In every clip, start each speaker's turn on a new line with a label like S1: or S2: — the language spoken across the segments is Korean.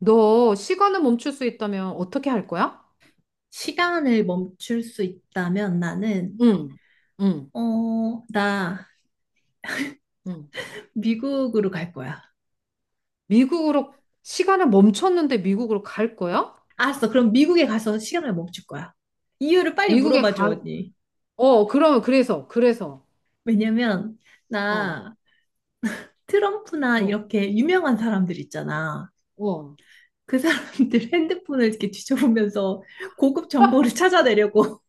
S1: 너 시간을 멈출 수 있다면 어떻게 할 거야?
S2: 시간을 멈출 수 있다면 나는,
S1: 응, 응,
S2: 어, 나
S1: 응.
S2: 미국으로 갈 거야.
S1: 미국으로, 시간을 멈췄는데 미국으로 갈 거야?
S2: 알았어. 그럼 미국에 가서 시간을 멈출 거야. 이유를 빨리
S1: 미국에
S2: 물어봐줘,
S1: 가,
S2: 언니.
S1: 그러면, 그래서.
S2: 왜냐면,
S1: 어,
S2: 나 트럼프나
S1: 어,
S2: 이렇게 유명한 사람들 있잖아.
S1: 어.
S2: 그 사람들 핸드폰을 이렇게 뒤져보면서 고급 정보를 찾아내려고.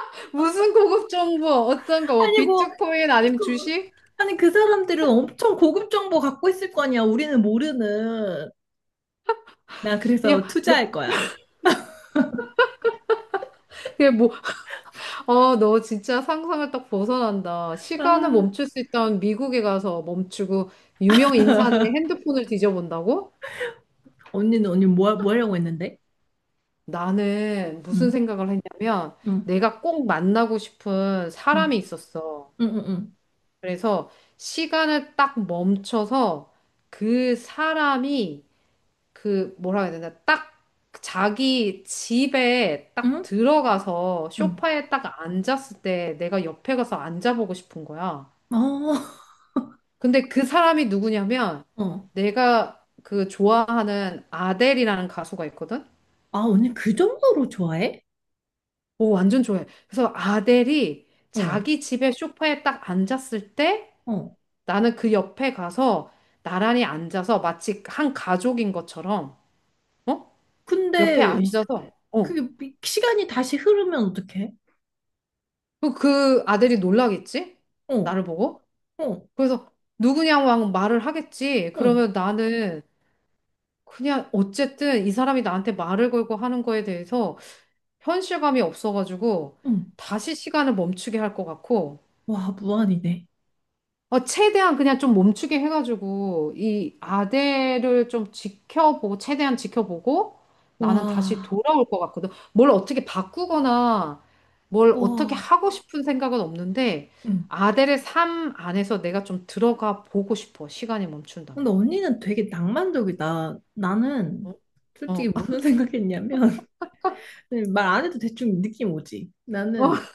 S1: 무슨 고급 정보, 어떤 거, 뭐
S2: 아니, 뭐,
S1: 비트코인 아니면
S2: 그,
S1: 주식?
S2: 아니, 그 사람들은 엄청 고급 정보 갖고 있을 거 아니야. 우리는 모르는. 나
S1: 야,
S2: 그래서
S1: 너,
S2: 투자할 거야.
S1: 그게 뭐, 너 진짜 상상을 딱 벗어난다. 시간을
S2: 아.
S1: 멈출 수 있다면 미국에 가서 멈추고, 유명 인사들의 핸드폰을 뒤져본다고?
S2: 언니는 언니 뭐, 뭐 하려고 했는데?
S1: 나는 무슨
S2: 응,
S1: 생각을 했냐면
S2: 응,
S1: 내가 꼭 만나고 싶은
S2: 응,
S1: 사람이 있었어.
S2: 응, 응, 응,
S1: 그래서 시간을 딱 멈춰서 그 사람이, 그 뭐라 해야 되나, 딱 자기 집에 딱
S2: 응.
S1: 들어가서 소파에 딱 앉았을 때 내가 옆에 가서 앉아보고 싶은 거야.
S2: 응. 어,
S1: 근데 그 사람이 누구냐면
S2: 어.
S1: 내가 그 좋아하는 아델이라는 가수가 있거든.
S2: 아, 언니 그 정도로 좋아해?
S1: 오, 완전 좋아해. 그래서 아델이
S2: 어,
S1: 자기 집에 소파에 딱 앉았을 때
S2: 어.
S1: 나는 그 옆에 가서 나란히 앉아서 마치 한 가족인 것처럼, 어? 옆에
S2: 근데
S1: 앉아서, 어.
S2: 그게 시간이 다시 흐르면 어떡해?
S1: 그그 아델이 놀라겠지?
S2: 어,
S1: 나를 보고.
S2: 어,
S1: 그래서 누구냐고 하고 말을 하겠지.
S2: 어,
S1: 그러면 나는 그냥 어쨌든 이 사람이 나한테 말을 걸고 하는 거에 대해서 현실감이 없어가지고
S2: 응.
S1: 다시 시간을 멈추게 할 것 같고,
S2: 와, 무한이네.
S1: 최대한 그냥 좀 멈추게 해가지고, 이 아대를 좀 지켜보고, 최대한 지켜보고, 나는 다시
S2: 와,
S1: 돌아올 것 같거든. 뭘 어떻게 바꾸거나, 뭘 어떻게
S2: 와.
S1: 하고 싶은 생각은 없는데,
S2: 응.
S1: 아델의 삶 안에서 내가 좀 들어가 보고 싶어. 시간이 멈춘다면.
S2: 근데 언니는 되게 낭만적이다.
S1: 어,
S2: 나는 솔직히
S1: 어,
S2: 무슨 생각했냐면 말 안 해도 대충 느낌 오지.
S1: 어,
S2: 나는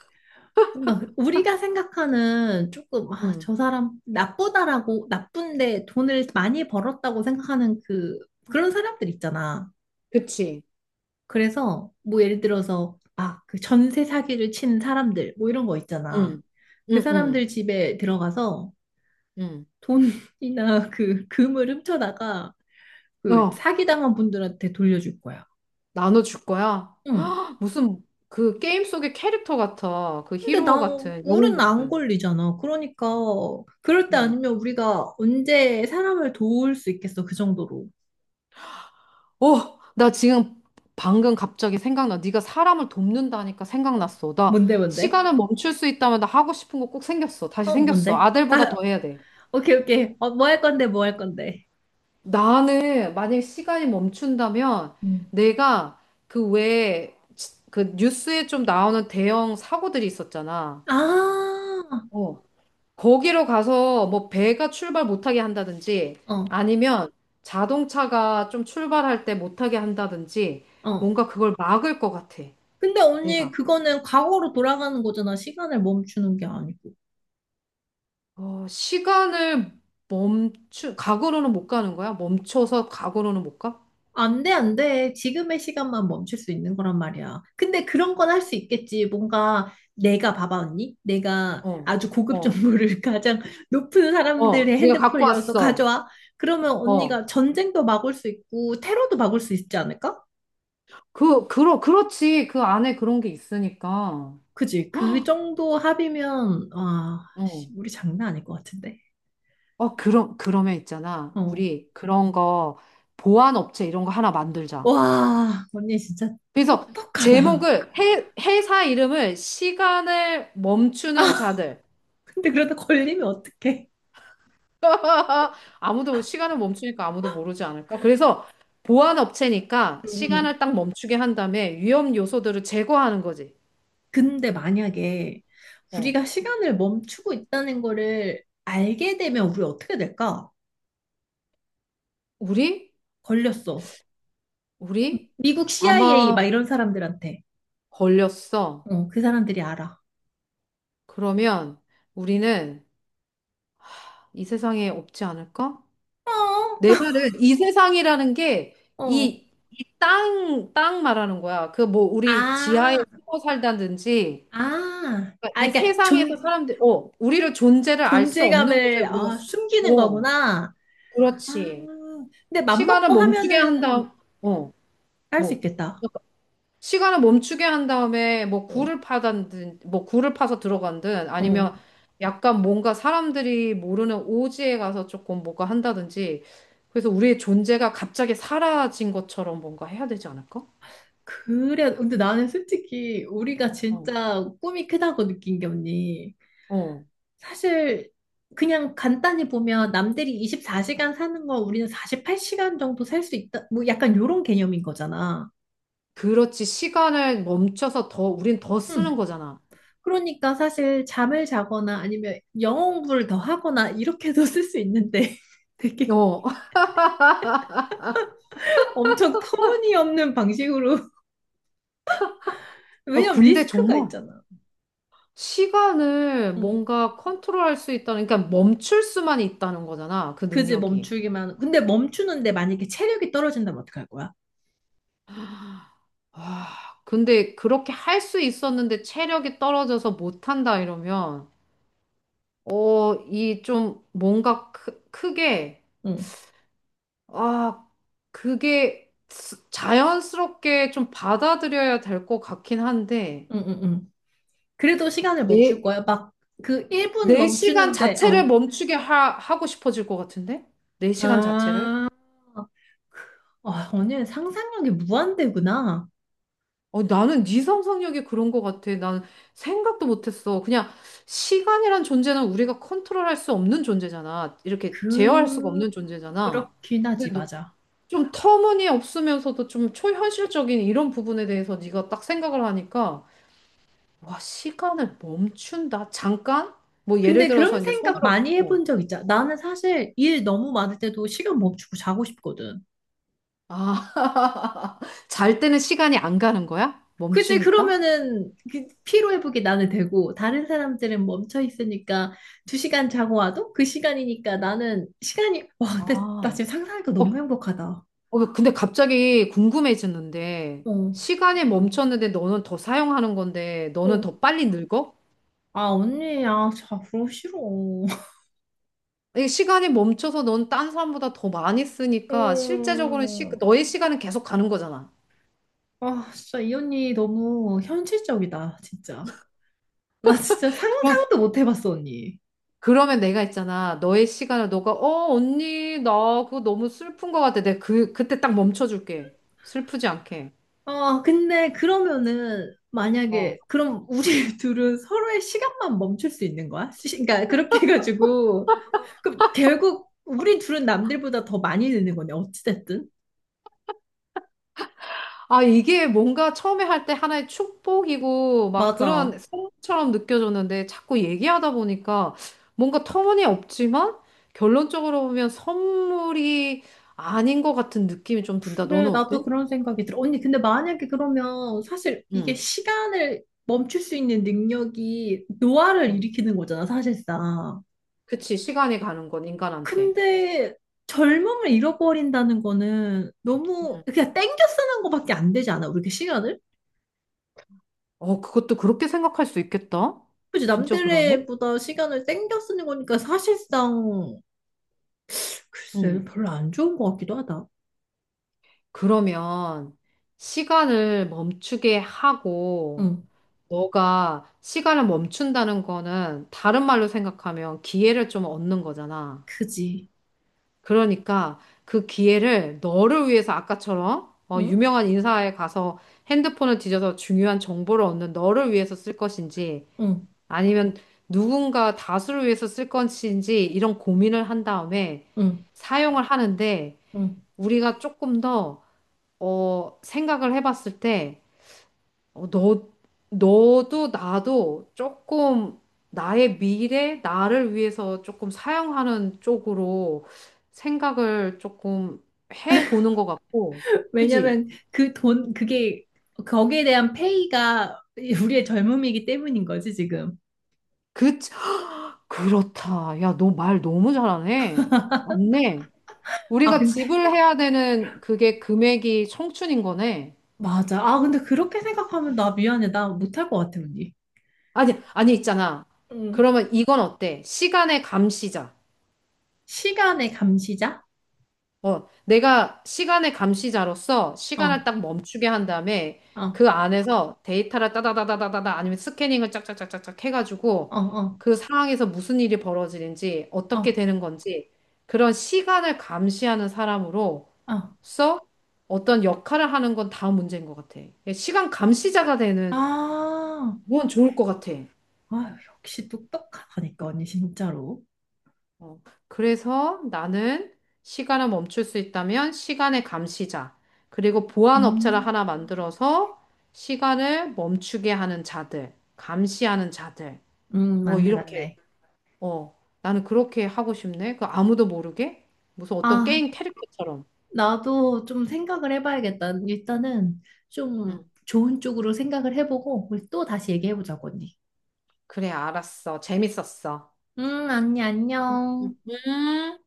S2: 뭔가 우리가 생각하는 조금 아,
S1: 응,
S2: 저 사람 나쁘다라고 나쁜데 돈을 많이 벌었다고 생각하는 그런 사람들 있잖아.
S1: 그치.
S2: 그래서 뭐 예를 들어서 아, 그 전세 사기를 친 사람들 뭐 이런 거 있잖아.
S1: 응, 응,
S2: 그
S1: 응,
S2: 사람들 집에 들어가서
S1: 응.
S2: 돈이나 그 금을 훔쳐다가 그
S1: 어,
S2: 사기당한 분들한테 돌려줄 거야.
S1: 나눠줄 거야.
S2: 응.
S1: 무슨 그 게임 속의 캐릭터 같아. 그 히
S2: 근데
S1: 로
S2: 나
S1: 같은, 영웅
S2: 우리는 안
S1: 같은.
S2: 걸리잖아. 그러니까 그럴 때
S1: 응.
S2: 아니면 우리가 언제 사람을 도울 수 있겠어? 그 정도로.
S1: 나 지금 방금 갑자기 생각나. 네가 사람을 돕는다니까 생각났어. 나
S2: 뭔데 뭔데?
S1: 시간을 멈출 수 있다면 나 하고 싶은 거 꼭 생겼어. 다시
S2: 어
S1: 생겼어.
S2: 뭔데?
S1: 아들보다
S2: 나
S1: 더 해야 돼.
S2: 오케이 오케이. 어, 뭐 할 건데 뭐 할 건데.
S1: 나는 만약에 시간이 멈춘다면
S2: 음.
S1: 내가, 그 외에 그 뉴스에 좀 나오는 대형 사고들이 있었잖아.
S2: 아,
S1: 어. 거기로 가서 뭐 배가 출발 못하게 한다든지
S2: 어,
S1: 아니면 자동차가 좀 출발할 때 못하게 한다든지
S2: 어.
S1: 뭔가 그걸 막을 것 같아.
S2: 근데 언니
S1: 내가.
S2: 그거는 과거로 돌아가는 거잖아. 시간을 멈추는 게 아니고.
S1: 시간을 과거로는 못 가는 거야? 멈춰서 과거로는 못 가?
S2: 안 돼, 안 돼. 지금의 시간만 멈출 수 있는 거란 말이야. 근데 그런 건 할 수 있겠지. 뭔가 내가 봐봐, 언니. 내가
S1: 어,
S2: 아주 고급
S1: 어,
S2: 정보를 가장 높은
S1: 어,
S2: 사람들의
S1: 네가 갖고
S2: 핸드폰이어서
S1: 왔어.
S2: 가져와. 그러면
S1: 어,
S2: 언니가 전쟁도 막을 수 있고 테러도 막을 수 있지 않을까?
S1: 그렇지. 그 안에 그런 게 있으니까.
S2: 그지? 그 정도 합이면 와, 씨,
S1: 어,
S2: 우리 장난 아닐 것 같은데.
S1: 어, 그러면 있잖아.
S2: 어.
S1: 우리 그런 거, 보안 업체 이런 거 하나 만들자.
S2: 와, 언니 진짜
S1: 그래서
S2: 똑똑하다.
S1: 제목을, 회사 이름을 시간을 멈추는 자들.
S2: 근데 그러다 걸리면 어떡해?
S1: 아무도 시간을 멈추니까 아무도 모르지 않을까? 그래서 보안 업체니까
S2: 응.
S1: 시간을 딱 멈추게 한 다음에 위험 요소들을 제거하는 거지.
S2: 근데 만약에
S1: 어,
S2: 우리가 시간을 멈추고 있다는 거를 알게 되면 우리 어떻게 될까?
S1: 우리?
S2: 걸렸어.
S1: 우리?
S2: 미국 CIA 막
S1: 아마
S2: 이런 사람들한테.
S1: 걸렸어.
S2: 어, 그 사람들이 알아.
S1: 그러면 우리는 이 세상에 없지 않을까?
S2: 어,
S1: 내 말은 이 세상이라는 게,
S2: 어.
S1: 이 땅, 땅 말하는 거야. 그 뭐 우리 지하에
S2: 아,
S1: 숨어 살다든지
S2: 아.
S1: 그러니까
S2: 아,
S1: 이
S2: 그러니까
S1: 세상에서 사람들, 우리를, 존재를 알 수 없는 곳에
S2: 존재감을
S1: 우리가.
S2: 아, 숨기는
S1: 어,
S2: 거구나. 아,
S1: 그렇지.
S2: 근데
S1: 시간을
S2: 맘먹고
S1: 멈추게 한 다음,
S2: 하면은
S1: 어,
S2: 할 수
S1: 뭐.
S2: 있겠다.
S1: 시간을 멈추게 한 다음에 뭐
S2: 어,
S1: 굴을 파든, 뭐 굴을 파서 들어간든
S2: 어.
S1: 아니면 약간 뭔가 사람들이 모르는 오지에 가서 조금 뭐가 한다든지, 그래서 우리의 존재가 갑자기 사라진 것처럼 뭔가 해야 되지 않을까?
S2: 그래. 근데 나는 솔직히 우리가
S1: 어,
S2: 진짜 꿈이 크다고 느낀 게 언니.
S1: 어.
S2: 사실 그냥 간단히 보면 남들이 24시간 사는 걸 우리는 48시간 정도 살 수 있다. 뭐 약간 요런 개념인 거잖아.
S1: 그렇지. 시간을 멈춰서 더, 우린 더
S2: 음.
S1: 쓰는 거잖아.
S2: 그러니까 사실 잠을 자거나 아니면 영어 공부를 더 하거나 이렇게도 쓸 수 있는데 되게
S1: 어,
S2: 엄청 터무니없는 방식으로
S1: 어,
S2: 왜냐면
S1: 근데
S2: 리스크가
S1: 정말
S2: 있잖아.
S1: 시간을
S2: 응.
S1: 뭔가 컨트롤할 수 있다는, 그러니까 멈출 수만 있다는 거잖아, 그
S2: 그지
S1: 능력이.
S2: 멈추기만. 근데 멈추는데 만약에 체력이 떨어진다면 어떡할 거야?
S1: 와, 근데 그렇게 할 수 있었는데 체력이 떨어져서 못한다 이러면, 이 좀 뭔가 크게.
S2: 응.
S1: 아, 그게 자연스럽게 좀 받아들여야 될 것 같긴 한데,
S2: 응, 응, 응. 그래도 시간을 멈출
S1: 내,
S2: 거야. 막 그 1분
S1: 내 시간
S2: 멈추는데
S1: 자체를
S2: 어.
S1: 멈추게 하고 싶어질 것 같은데? 내 시간 자체를?
S2: 아, 아, 언니는 상상력이 무한대구나.
S1: 어, 나는 네 상상력이 그런 것 같아. 난 생각도 못했어. 그냥 시간이란 존재는 우리가 컨트롤할 수 없는 존재잖아. 이렇게 제어할 수가 없는 존재잖아.
S2: 그렇긴 하지,
S1: 근데 너
S2: 맞아.
S1: 좀 터무니없으면서도 좀 초현실적인 이런 부분에 대해서 네가 딱 생각을 하니까, 와, 시간을 멈춘다. 잠깐? 뭐 예를
S2: 근데 그런
S1: 들어서 이제
S2: 생각
S1: 손으로,
S2: 많이
S1: 어.
S2: 해본 적 있잖아. 나는 사실 일 너무 많을 때도 시간 멈추고 자고 싶거든.
S1: 아, 잘 때는 시간이 안 가는 거야?
S2: 그치,
S1: 멈추니까?
S2: 그러면은 그 피로회복이 나는 되고, 다른 사람들은 멈춰 있으니까 두 시간 자고 와도 그 시간이니까 나는 시간이, 와, 근데 나
S1: 아.
S2: 지금 상상하니까
S1: 어,
S2: 너무 행복하다.
S1: 어, 근데 갑자기 궁금해졌는데,
S2: 어,
S1: 시간이 멈췄는데 너는 더 사용하는 건데, 너는
S2: 어.
S1: 더 빨리 늙어?
S2: 아, 언니야, 자고 싫어.
S1: 이 시간이 멈춰서 넌 딴 사람보다 더 많이 쓰니까, 실제적으로는,
S2: 어...
S1: 너의 시간은 계속 가는 거잖아.
S2: 아, 진짜 이 언니 너무 현실적이다, 진짜. 나 진짜
S1: 그럼,
S2: 상상도 못 해봤어, 언니.
S1: 그러면 내가 있잖아. 너의 시간을 너가, 어, 언니, 나 그거 너무 슬픈 것 같아. 내가 그때 딱 멈춰줄게. 슬프지 않게.
S2: 아, 근데 그러면은
S1: 어.
S2: 만약에 그럼 우리 둘은 서로의 시간만 멈출 수 있는 거야? 그러니까 그렇게 해가지고 그럼 결국 우리 둘은 남들보다 더 많이 늙는 거네, 어찌됐든.
S1: 아, 이게 뭔가 처음에 할 때 하나의 축복이고 막 그런
S2: 맞아.
S1: 선물처럼 느껴졌는데 자꾸 얘기하다 보니까 뭔가 터무니없지만 결론적으로 보면 선물이 아닌 것 같은 느낌이 좀 든다.
S2: 그래,
S1: 너는
S2: 나도
S1: 어때?
S2: 그런 생각이 들어. 언니, 근데 만약에 그러면 사실 이게
S1: 응,
S2: 시간을 멈출 수 있는 능력이 노화를
S1: 응.
S2: 일으키는 거잖아, 사실상.
S1: 그치. 시간이 가는 건 인간한테.
S2: 근데 젊음을 잃어버린다는 거는 너무
S1: 응.
S2: 그냥 땡겨 쓰는 거밖에 안 되지 않아? 우리 그 시간을?
S1: 어, 그것도 그렇게 생각할 수 있겠다.
S2: 그치,
S1: 진짜 그러네.
S2: 남들보다 시간을 땡겨 쓰는 거니까 사실상
S1: 응.
S2: 글쎄 별로 안 좋은 것 같기도 하다.
S1: 그러면 시간을 멈추게 하고,
S2: 응,
S1: 너가 시간을 멈춘다는 거는 다른 말로 생각하면 기회를 좀 얻는 거잖아.
S2: 그지.
S1: 그러니까 그 기회를 너를 위해서 아까처럼,
S2: 응,
S1: 유명한 인사에 가서 핸드폰을 뒤져서 중요한 정보를 얻는 너를 위해서 쓸 것인지,
S2: 응,
S1: 아니면 누군가 다수를 위해서 쓸 것인지, 이런 고민을 한 다음에
S2: 응,
S1: 사용을 하는데,
S2: 응.
S1: 우리가 조금 더 생각을 해봤을 때, 어, 너, 너도 나도 조금 나의 미래, 나를 위해서 조금 사용하는 쪽으로 생각을 조금 해보는 것 같고, 그지?
S2: 왜냐면 그 돈, 그게 거기에 대한 페이가 우리의 젊음이기 때문인 거지 지금.
S1: 그, 그렇다. 야, 너 말 너무 잘하네. 맞네.
S2: 아
S1: 우리가
S2: 근데
S1: 집을 해야 되는 그게 금액이 청춘인 거네.
S2: 맞아. 아 근데 그렇게 생각하면 나 미안해. 나 못할 것 같아 언니.
S1: 아니, 아니, 있잖아.
S2: 응.
S1: 그러면 이건 어때? 시간의 감시자.
S2: 시간의 감시자?
S1: 어, 내가 시간의 감시자로서
S2: 어,
S1: 시간을
S2: 어,
S1: 딱 멈추게 한 다음에
S2: 어,
S1: 그 안에서 데이터를 따다다다다다다, 아니면 스캐닝을 짝짝짝짝짝 해가지고,
S2: 어,
S1: 그 상황에서 무슨 일이 벌어지는지 어떻게
S2: 어,
S1: 되는 건지, 그런 시간을 감시하는 사람으로서
S2: 어.
S1: 어떤 역할을 하는 건 다 문제인 것 같아. 시간 감시자가 되는
S2: 아,
S1: 건 좋을 것 같아.
S2: 아유, 역시 똑똑하다니까, 언니, 진짜로.
S1: 어, 그래서 나는 시간을 멈출 수 있다면 시간의 감시자, 그리고 보안 업체를
S2: 음,
S1: 하나 만들어서 시간을 멈추게 하는 자들, 감시하는 자들, 뭐
S2: 맞네,
S1: 이렇게,
S2: 맞네.
S1: 어, 나는 그렇게 하고 싶네. 그 아무도 모르게? 무슨 어떤
S2: 아,
S1: 게임 캐릭터처럼.
S2: 나도 좀 생각을 해봐야겠다. 일단은
S1: 응,
S2: 좀 좋은 쪽으로 생각을 해보고, 우리 또 다시
S1: 응.
S2: 얘기해보자고, 언니.
S1: 그래, 알았어. 재밌었어.
S2: 언니,
S1: 응, 응.
S2: 안녕.
S1: 음.